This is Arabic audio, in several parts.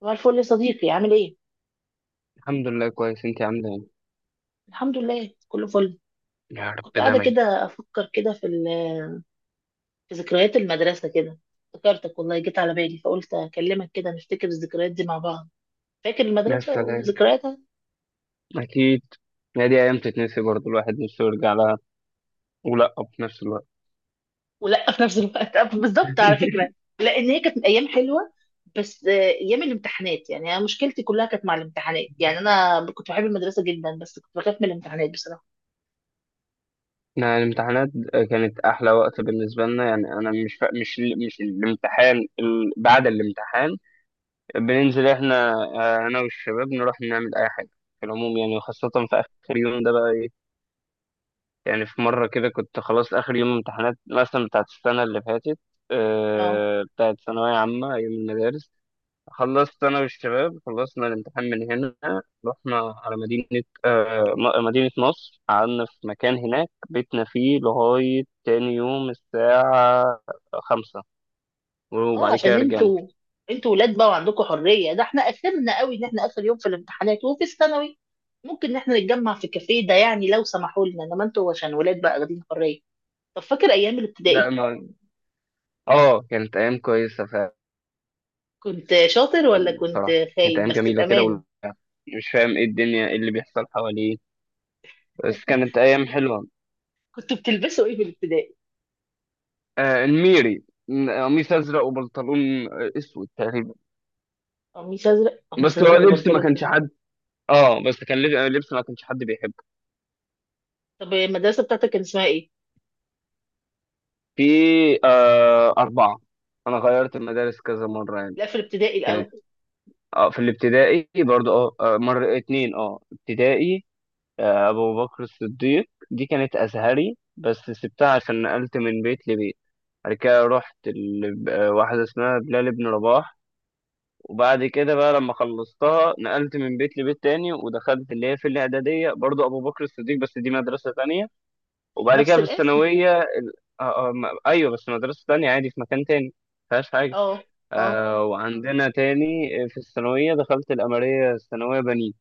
صباح الفل يا صديقي، عامل ايه؟ الحمد لله كويس، انت عامله ايه؟ الحمد لله كله فل. يا كنت رب قاعدة دايما. كده أفكر كده في ذكريات المدرسة كده. افتكرتك والله، جيت على بالي فقلت أكلمك كده نفتكر الذكريات دي مع بعض. فاكر يا المدرسة سلام، وذكرياتها؟ اكيد. يا دي ايام تتنسي برضو، الواحد نفسه يرجع لها ولا في نفس الوقت. ولا في نفس الوقت بالظبط على فكرة. لأن هي كانت أيام حلوة، بس أيام الامتحانات، يعني أنا مشكلتي كلها كانت مع الامتحانات. يعني أنا كنت بحب المدرسة جدا، بس كنت بخاف من الامتحانات بصراحة. احنا الامتحانات كانت احلى وقت بالنسبه لنا، يعني انا مش الامتحان، بعد الامتحان بننزل احنا، انا والشباب نروح نعمل اي حاجه في العموم، يعني وخاصه في اخر يوم ده بقى ايه. يعني في مره كده كنت خلاص اخر يوم امتحانات، مثلا بتاعت السنه اللي فاتت، اه. بتاعت ثانويه عامه ايام المدارس. خلصت أنا والشباب، خلصنا الامتحان من هنا، رحنا على مدينة مدينة نصر، قعدنا في مكان هناك بيتنا فيه لغاية تاني يوم الساعة خمسة، اه، وبعد كده عشان رجعنا. انتوا ولاد بقى وعندكم حريه. ده احنا اخرنا قوي ان احنا اخر يوم في الامتحانات وفي الثانوي ممكن ان احنا نتجمع في كافيه، ده يعني لو سمحوا لنا، انما انتوا عشان ولاد بقى واخدين حريه. طب فاكر ايام لا الابتدائي؟ ما، اه كانت أيام كويسة فعلا. كنت شاطر ولا كنت بصراحة كانت خايب؟ أيام بس جميلة كده بامانه. مش فاهم ايه الدنيا، ايه اللي بيحصل حواليه، بس كانت ايام حلوه. كنتوا بتلبسوا ايه في الابتدائي؟ آه الميري، قميص ازرق وبنطلون اسود تقريبا. قميص ازرق، قميص بس هو ازرق لبس ما وبنطلون. كانش حد، اه بس كان لبس ما كانش حد بيحبه. طب المدرسه بتاعتك كان اسمها ايه؟ في، آه أربعة، أنا غيرت المدارس كذا مرة يعني. لا، في الابتدائي كانت، الاول. آه في الابتدائي برضو، اه مرة اتنين اه ابتدائي. آه أبو بكر الصديق دي كانت أزهري، بس سبتها عشان نقلت من بيت لبيت. بعد كده رحت واحدة اسمها بلال بن رباح. وبعد كده بقى لما خلصتها نقلت من بيت لبيت تاني، ودخلت اللي هي في الإعدادية برضو أبو بكر الصديق، بس دي مدرسة تانية. وبعد كده نفس في الاسم. الثانوية أيوه، بس مدرسة تانية عادي في مكان تاني، مفيهاش حاجة. اه. اه. آه وعندنا تاني في الثانوية دخلت الأمرية الثانوية بنين.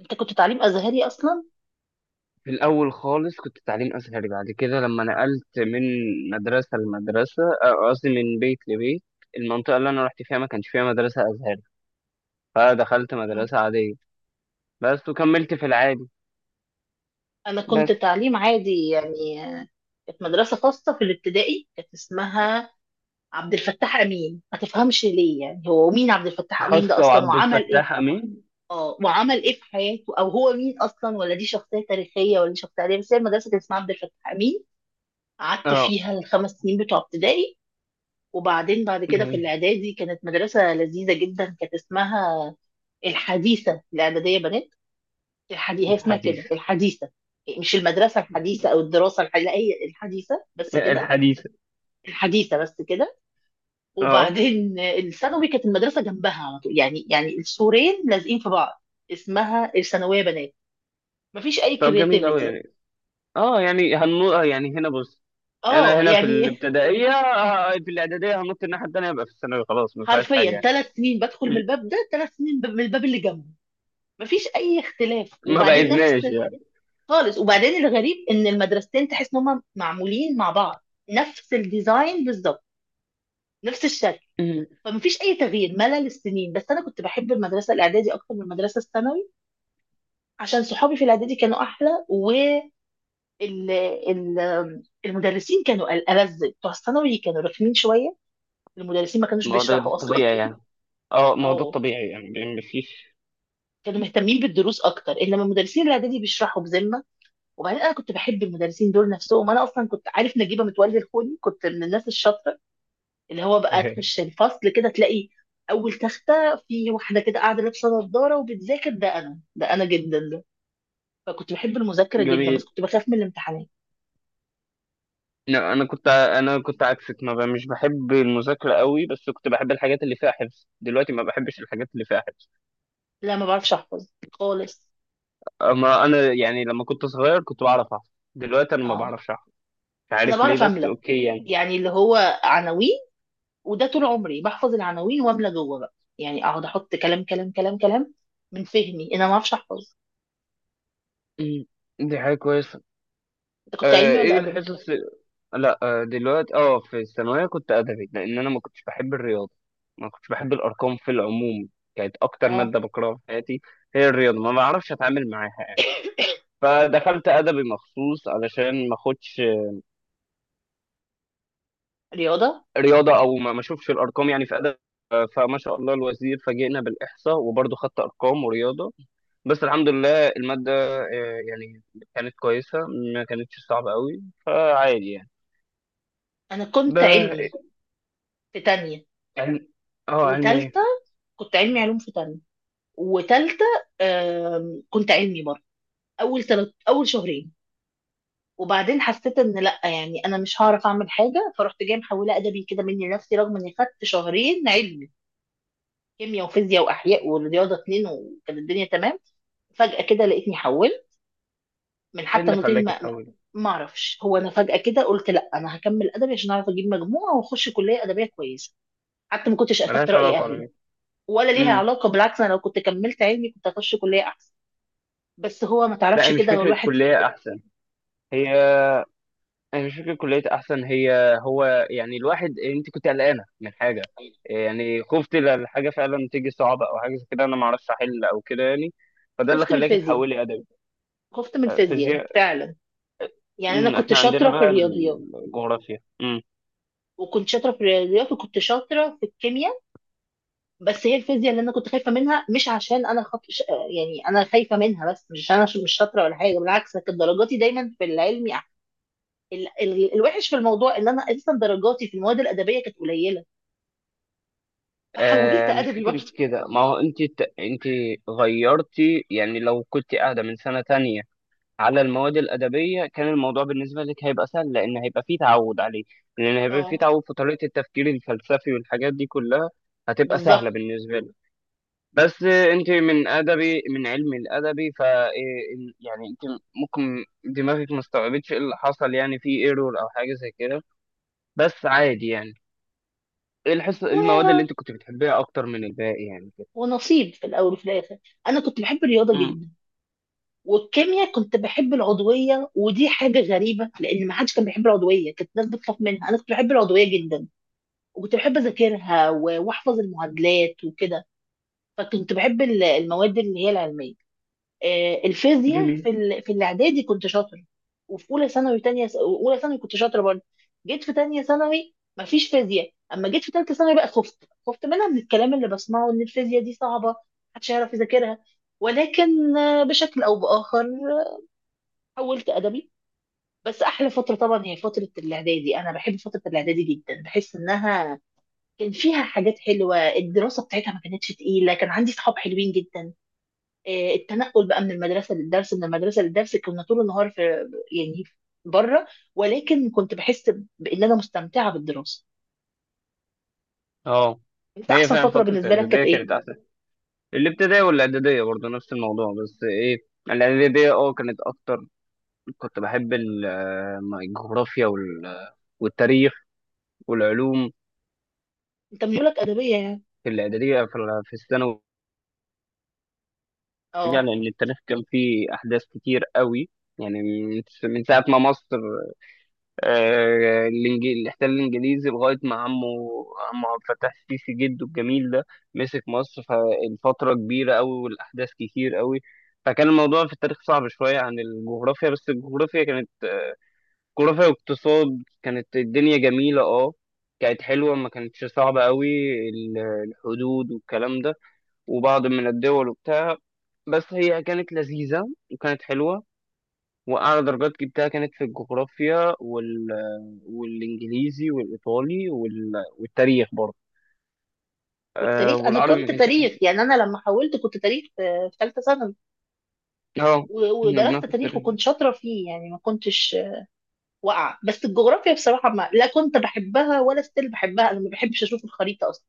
انت كنت تعليم ازهري اصلا؟ في الأول خالص كنت تعليم أزهري، بعد كده لما نقلت من مدرسة لمدرسة، قصدي من بيت لبيت، المنطقة اللي أنا رحت فيها ما كانش فيها مدرسة أزهري، فدخلت مدرسة عادية بس، وكملت في العادي. انا بس كنت تعليم عادي، يعني كانت مدرسه خاصه في الابتدائي، كانت اسمها عبد الفتاح امين. ما تفهمش ليه، يعني هو مين عبد الفتاح امين ده خاصة اصلا وعبد وعمل ايه؟ الفتاح أمين. اه، وعمل ايه في حياته، او هو مين اصلا؟ ولا دي شخصيه تاريخيه ولا دي شخصيه عادية؟ بس هي المدرسه كانت اسمها عبد الفتاح امين. قعدت اه فيها ال5 سنين بتوع ابتدائي. وبعدين بعد كده في جميل. الاعدادي كانت مدرسه لذيذه جدا، كانت اسمها الحديثه الاعداديه بنات. الحديث، هي اسمها كده الحديث. الحديثة. مش المدرسة الحديثة أو الدراسة الحديثة، لا، هي الحديثة بس كده. الحديث. الحديثة بس كده. اه وبعدين الثانوي كانت المدرسة جنبها على طول، يعني يعني السورين لازقين في بعض. اسمها الثانوية بنات. مفيش أي طب جميل أوي كرياتيفيتي. يعني. اه يعني هنو... آه، يعني هنا بص، انا اه هنا في يعني، الابتدائيه، في الاعداديه هنط الناحيه التانيه، يبقى في الثانوي خلاص ما فيهاش حرفيا حاجه يعني. 3 سنين بدخل من م- الباب ده، 3 سنين من الباب اللي جنبه. مفيش أي اختلاف، ما وبعدين نفس بعدناش يعني. خالص. وبعدين الغريب إن المدرستين تحس إن هما معمولين مع بعض، نفس الديزاين بالظبط، نفس الشكل. م. فمفيش اي تغيير، ملل السنين. بس انا كنت بحب المدرسه الاعدادي اكتر من المدرسه الثانوي، عشان صحابي في الاعدادي كانوا احلى، والمدرسين كانوا ألذ. بتوع الثانوي كانوا رخمين شويه، المدرسين ما كانوش ما هو ده بيشرحوا اصلا. الطبيعي يعني. اه ما هو ده او الطبيعي يعني ما فيش. كانوا مهتمين بالدروس اكتر، انما مدرسين الاعدادي بيشرحوا بذمه. وبعدين انا كنت بحب المدرسين دول نفسهم. انا اصلا كنت عارف نجيبه متولي الخوني، كنت من الناس الشاطره اللي هو بقى تخش الفصل كده تلاقي اول تختة في واحدة كده قاعدة لابسة نظارة وبتذاكر. ده انا، ده انا جدا ده. فكنت بحب المذاكرة جدا، بس جميل. كنت بخاف من الامتحانات. لا انا انا كنت عكسك، ما ب... مش بحب المذاكره قوي، بس كنت بحب الحاجات اللي فيها حفظ. دلوقتي ما بحبش الحاجات اللي فيها حفظ. لا، ما بعرفش احفظ خالص. اما انا، يعني لما كنت صغير كنت بعرف احفظ، دلوقتي انا ما اه. بعرفش احفظ. مش انا عارف ليه، بعرف بس املى، اوكي يعني. يعني اللي هو عناوين. وده طول عمري بحفظ العناوين، واملى جوه بقى، يعني اقعد احط كلام كلام كلام كلام من فهمي. انا ما اعرفش احفظ. م. دي حاجه كويسه. انت كنت علمي ولا ايه ادبي؟ الحصص؟ لا، دلوقتي اه في الثانويه كنت ادبي، لان انا ما كنتش بحب الرياضه، ما كنتش بحب الارقام في العموم. كانت اكتر اه. ماده بكرهها في حياتي هي الرياضه، ما بعرفش اتعامل معاها يعني. فدخلت ادبي مخصوص علشان ما اخدش رياضة. رياضه، او ما اشوفش الارقام يعني في ادبي. فما شاء الله الوزير فاجئنا بالاحصاء، وبرضه خدت ارقام ورياضه. بس الحمد لله الماده، يعني كانت كويسه، ما كانتش صعبه قوي، فعادي يعني. انا ب... كنت علمي في تانية علم... اه علمي. وتالتة. كنت علمي علوم في تانية وتالتة. كنت علمي برضه أول تلت، أول شهرين، وبعدين حسيت إن لأ، يعني أنا مش هعرف أعمل حاجة. فرحت جاية محولة أدبي كده مني لنفسي، رغم إني خدت شهرين علمي، كيمياء وفيزياء وأحياء ورياضة اتنين، وكانت الدنيا تمام. فجأة كده لقيتني حولت من، ايه حتى اللي أنا قلت لهم، خلاك ما تحول؟ ما أعرفش. هو أنا فجأة كده قلت لأ، أنا هكمل أدبي عشان أعرف أجيب مجموعة وأخش كلية أدبية كويسة. حتى ما كنتش أخدت ملهاش رأي علاقه على أهلي. فكره. ولا ليها امم. علاقة، بالعكس، أنا لو كنت كملت علمي كنت هخش كلية أحسن. بس هو ما لا، تعرفش كده هو الواحد. هي هي مش فكره كليه احسن، هي، هو يعني الواحد، انت كنت قلقانه من حاجه، يعني خفت الحاجه فعلا تيجي صعبه، او حاجه زي كده انا ما اعرفش احل او كده يعني، فده اللي خفت من خلاك الفيزياء، تحولي ادبي؟ خفت من الفيزياء فيزياء. فعلا. يعني انا امم، كنت احنا عندنا شاطره في بقى الرياضيات، الجغرافيا. امم. وكنت شاطره في الرياضيات وكنت شاطره في الكيمياء، بس هي الفيزياء اللي انا كنت خايفه منها. مش عشان انا يعني انا خايفه منها، بس مش عشان انا مش شاطره ولا حاجه، بالعكس، أنا كانت درجاتي دايما في العلمي الوحش في الموضوع ان انا اساسا درجاتي في المواد الادبيه كانت قليله. فحولت آه مش ادبي برضه. فكره كده، ما هو انت غيرتي. يعني لو كنت قاعده من سنه تانية على المواد الأدبية، كان الموضوع بالنسبة لك هيبقى سهل، لأن هيبقى فيه تعود عليه، لأن هيبقى فيه اه تعود في طريقة التفكير الفلسفي والحاجات دي كلها. هتبقى سهلة بالظبط. بالنسبة لك. بس أنت من أدبي، من علم الأدبي، ف يعني أنت ممكن دماغك ما استوعبتش إيه اللي حصل، يعني في ايرور أو حاجة زي كده، بس عادي يعني. إيه الحصة و... المواد اللي أنت كنت بتحبيها أكتر من الباقي يعني كده؟ ونصيب في الاول وفي الاخر. انا كنت بحب الرياضه أمم. جدا، والكيمياء كنت بحب العضويه. ودي حاجه غريبه، لان ما حدش كان بيحب العضويه، كانت الناس بتخاف منها. انا كنت بحب العضويه جدا، وكنت بحب اذاكرها واحفظ المعادلات وكده. فكنت بحب المواد اللي هي العلميه. الفيزياء جميل. في في الاعدادي كنت شاطر، وفي اولى ثانوي تانية اولى ثانوي كنت شاطره برضه. جيت في تانية ثانوي مفيش فيزياء، اما جيت في تالتة ثانوي بقى خفت، خفت منها من الكلام اللي بسمعه ان الفيزياء دي صعبه، محدش هيعرف يذاكرها. ولكن بشكل او باخر حولت ادبي. بس احلى فتره طبعا هي فتره الاعدادي. انا بحب فتره الاعدادي جدا، بحس انها كان فيها حاجات حلوه. الدراسه بتاعتها ما كانتش تقيله، كان عندي صحاب حلوين جدا. التنقل بقى من المدرسه للدرس، من المدرسه للدرس، كنا طول النهار في، يعني، بره. ولكن كنت بحس بان انا مستمتعه بالدراسه. أه، انت هي احسن فعلا فتره فترة بالنسبه لك كانت الإعدادية ايه؟ كانت أحسن. الابتدائية والإعدادية برضه نفس الموضوع، بس إيه، الإعدادية أه كانت أكتر. كنت بحب الجغرافيا والتاريخ والعلوم انت ميولك ادبيه يعني. في الإعدادية، في في الثانوي يعني. اه. لأن التاريخ كان فيه أحداث كتير قوي، يعني من ساعة ما مصر، اللي احتل الانجليزي لغايه ما عمه عبد الفتاح السيسي جده الجميل ده مسك مصر، فالفتره كبيره قوي والاحداث كتير قوي. فكان الموضوع في التاريخ صعب شويه عن الجغرافيا، بس الجغرافيا كانت جغرافيا واقتصاد، كانت الدنيا جميله اه. كانت حلوه، ما كانتش صعبه قوي، ال- الحدود والكلام ده وبعض من الدول وبتاع، بس هي كانت لذيذه وكانت حلوه. وأعلى درجات جبتها كانت في الجغرافيا والإنجليزي والإيطالي والتاريخ برضه. أه والتاريخ، انا والعربي ما كنت كانش تاريخ، أحسن. يعني انا لما حولت كنت تاريخ. في ثالثه ثانوي اه كنا ودرست بناخد تاريخ تاريخ. وكنت شاطره فيه، يعني ما كنتش وقع. بس الجغرافيا بصراحة ما، لا كنت بحبها ولا ستيل بحبها. أنا ما بحبش أشوف الخريطة أصلا،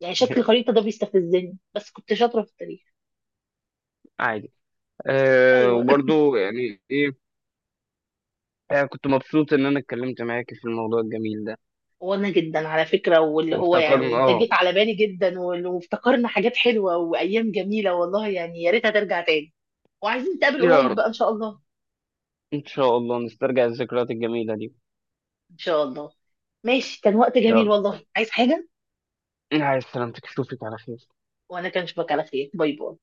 يعني شكل الخريطة ده بيستفزني. بس كنت شاطرة في التاريخ. عادي. أه أيوه. وبرضه يعني إيه. أه كنت مبسوط إن أنا اتكلمت معاك في الموضوع الجميل ده وأنا جدا على فكرة، واللي هو يعني وافتكرنا، أنت اه. جيت على بالي جدا، وافتكرنا حاجات حلوة وأيام جميلة، والله يعني يا ريتها ترجع تاني. وعايزين نتقابل يا قريب رب بقى إن شاء الله. إن شاء الله نسترجع الذكريات الجميلة دي. إن شاء الله. ماشي، كان وقت جميل يلا، والله، عايز حاجة؟ عايز سلامتك، أشوفك على خير. وأنا كان أشوفك على خير، باي باي.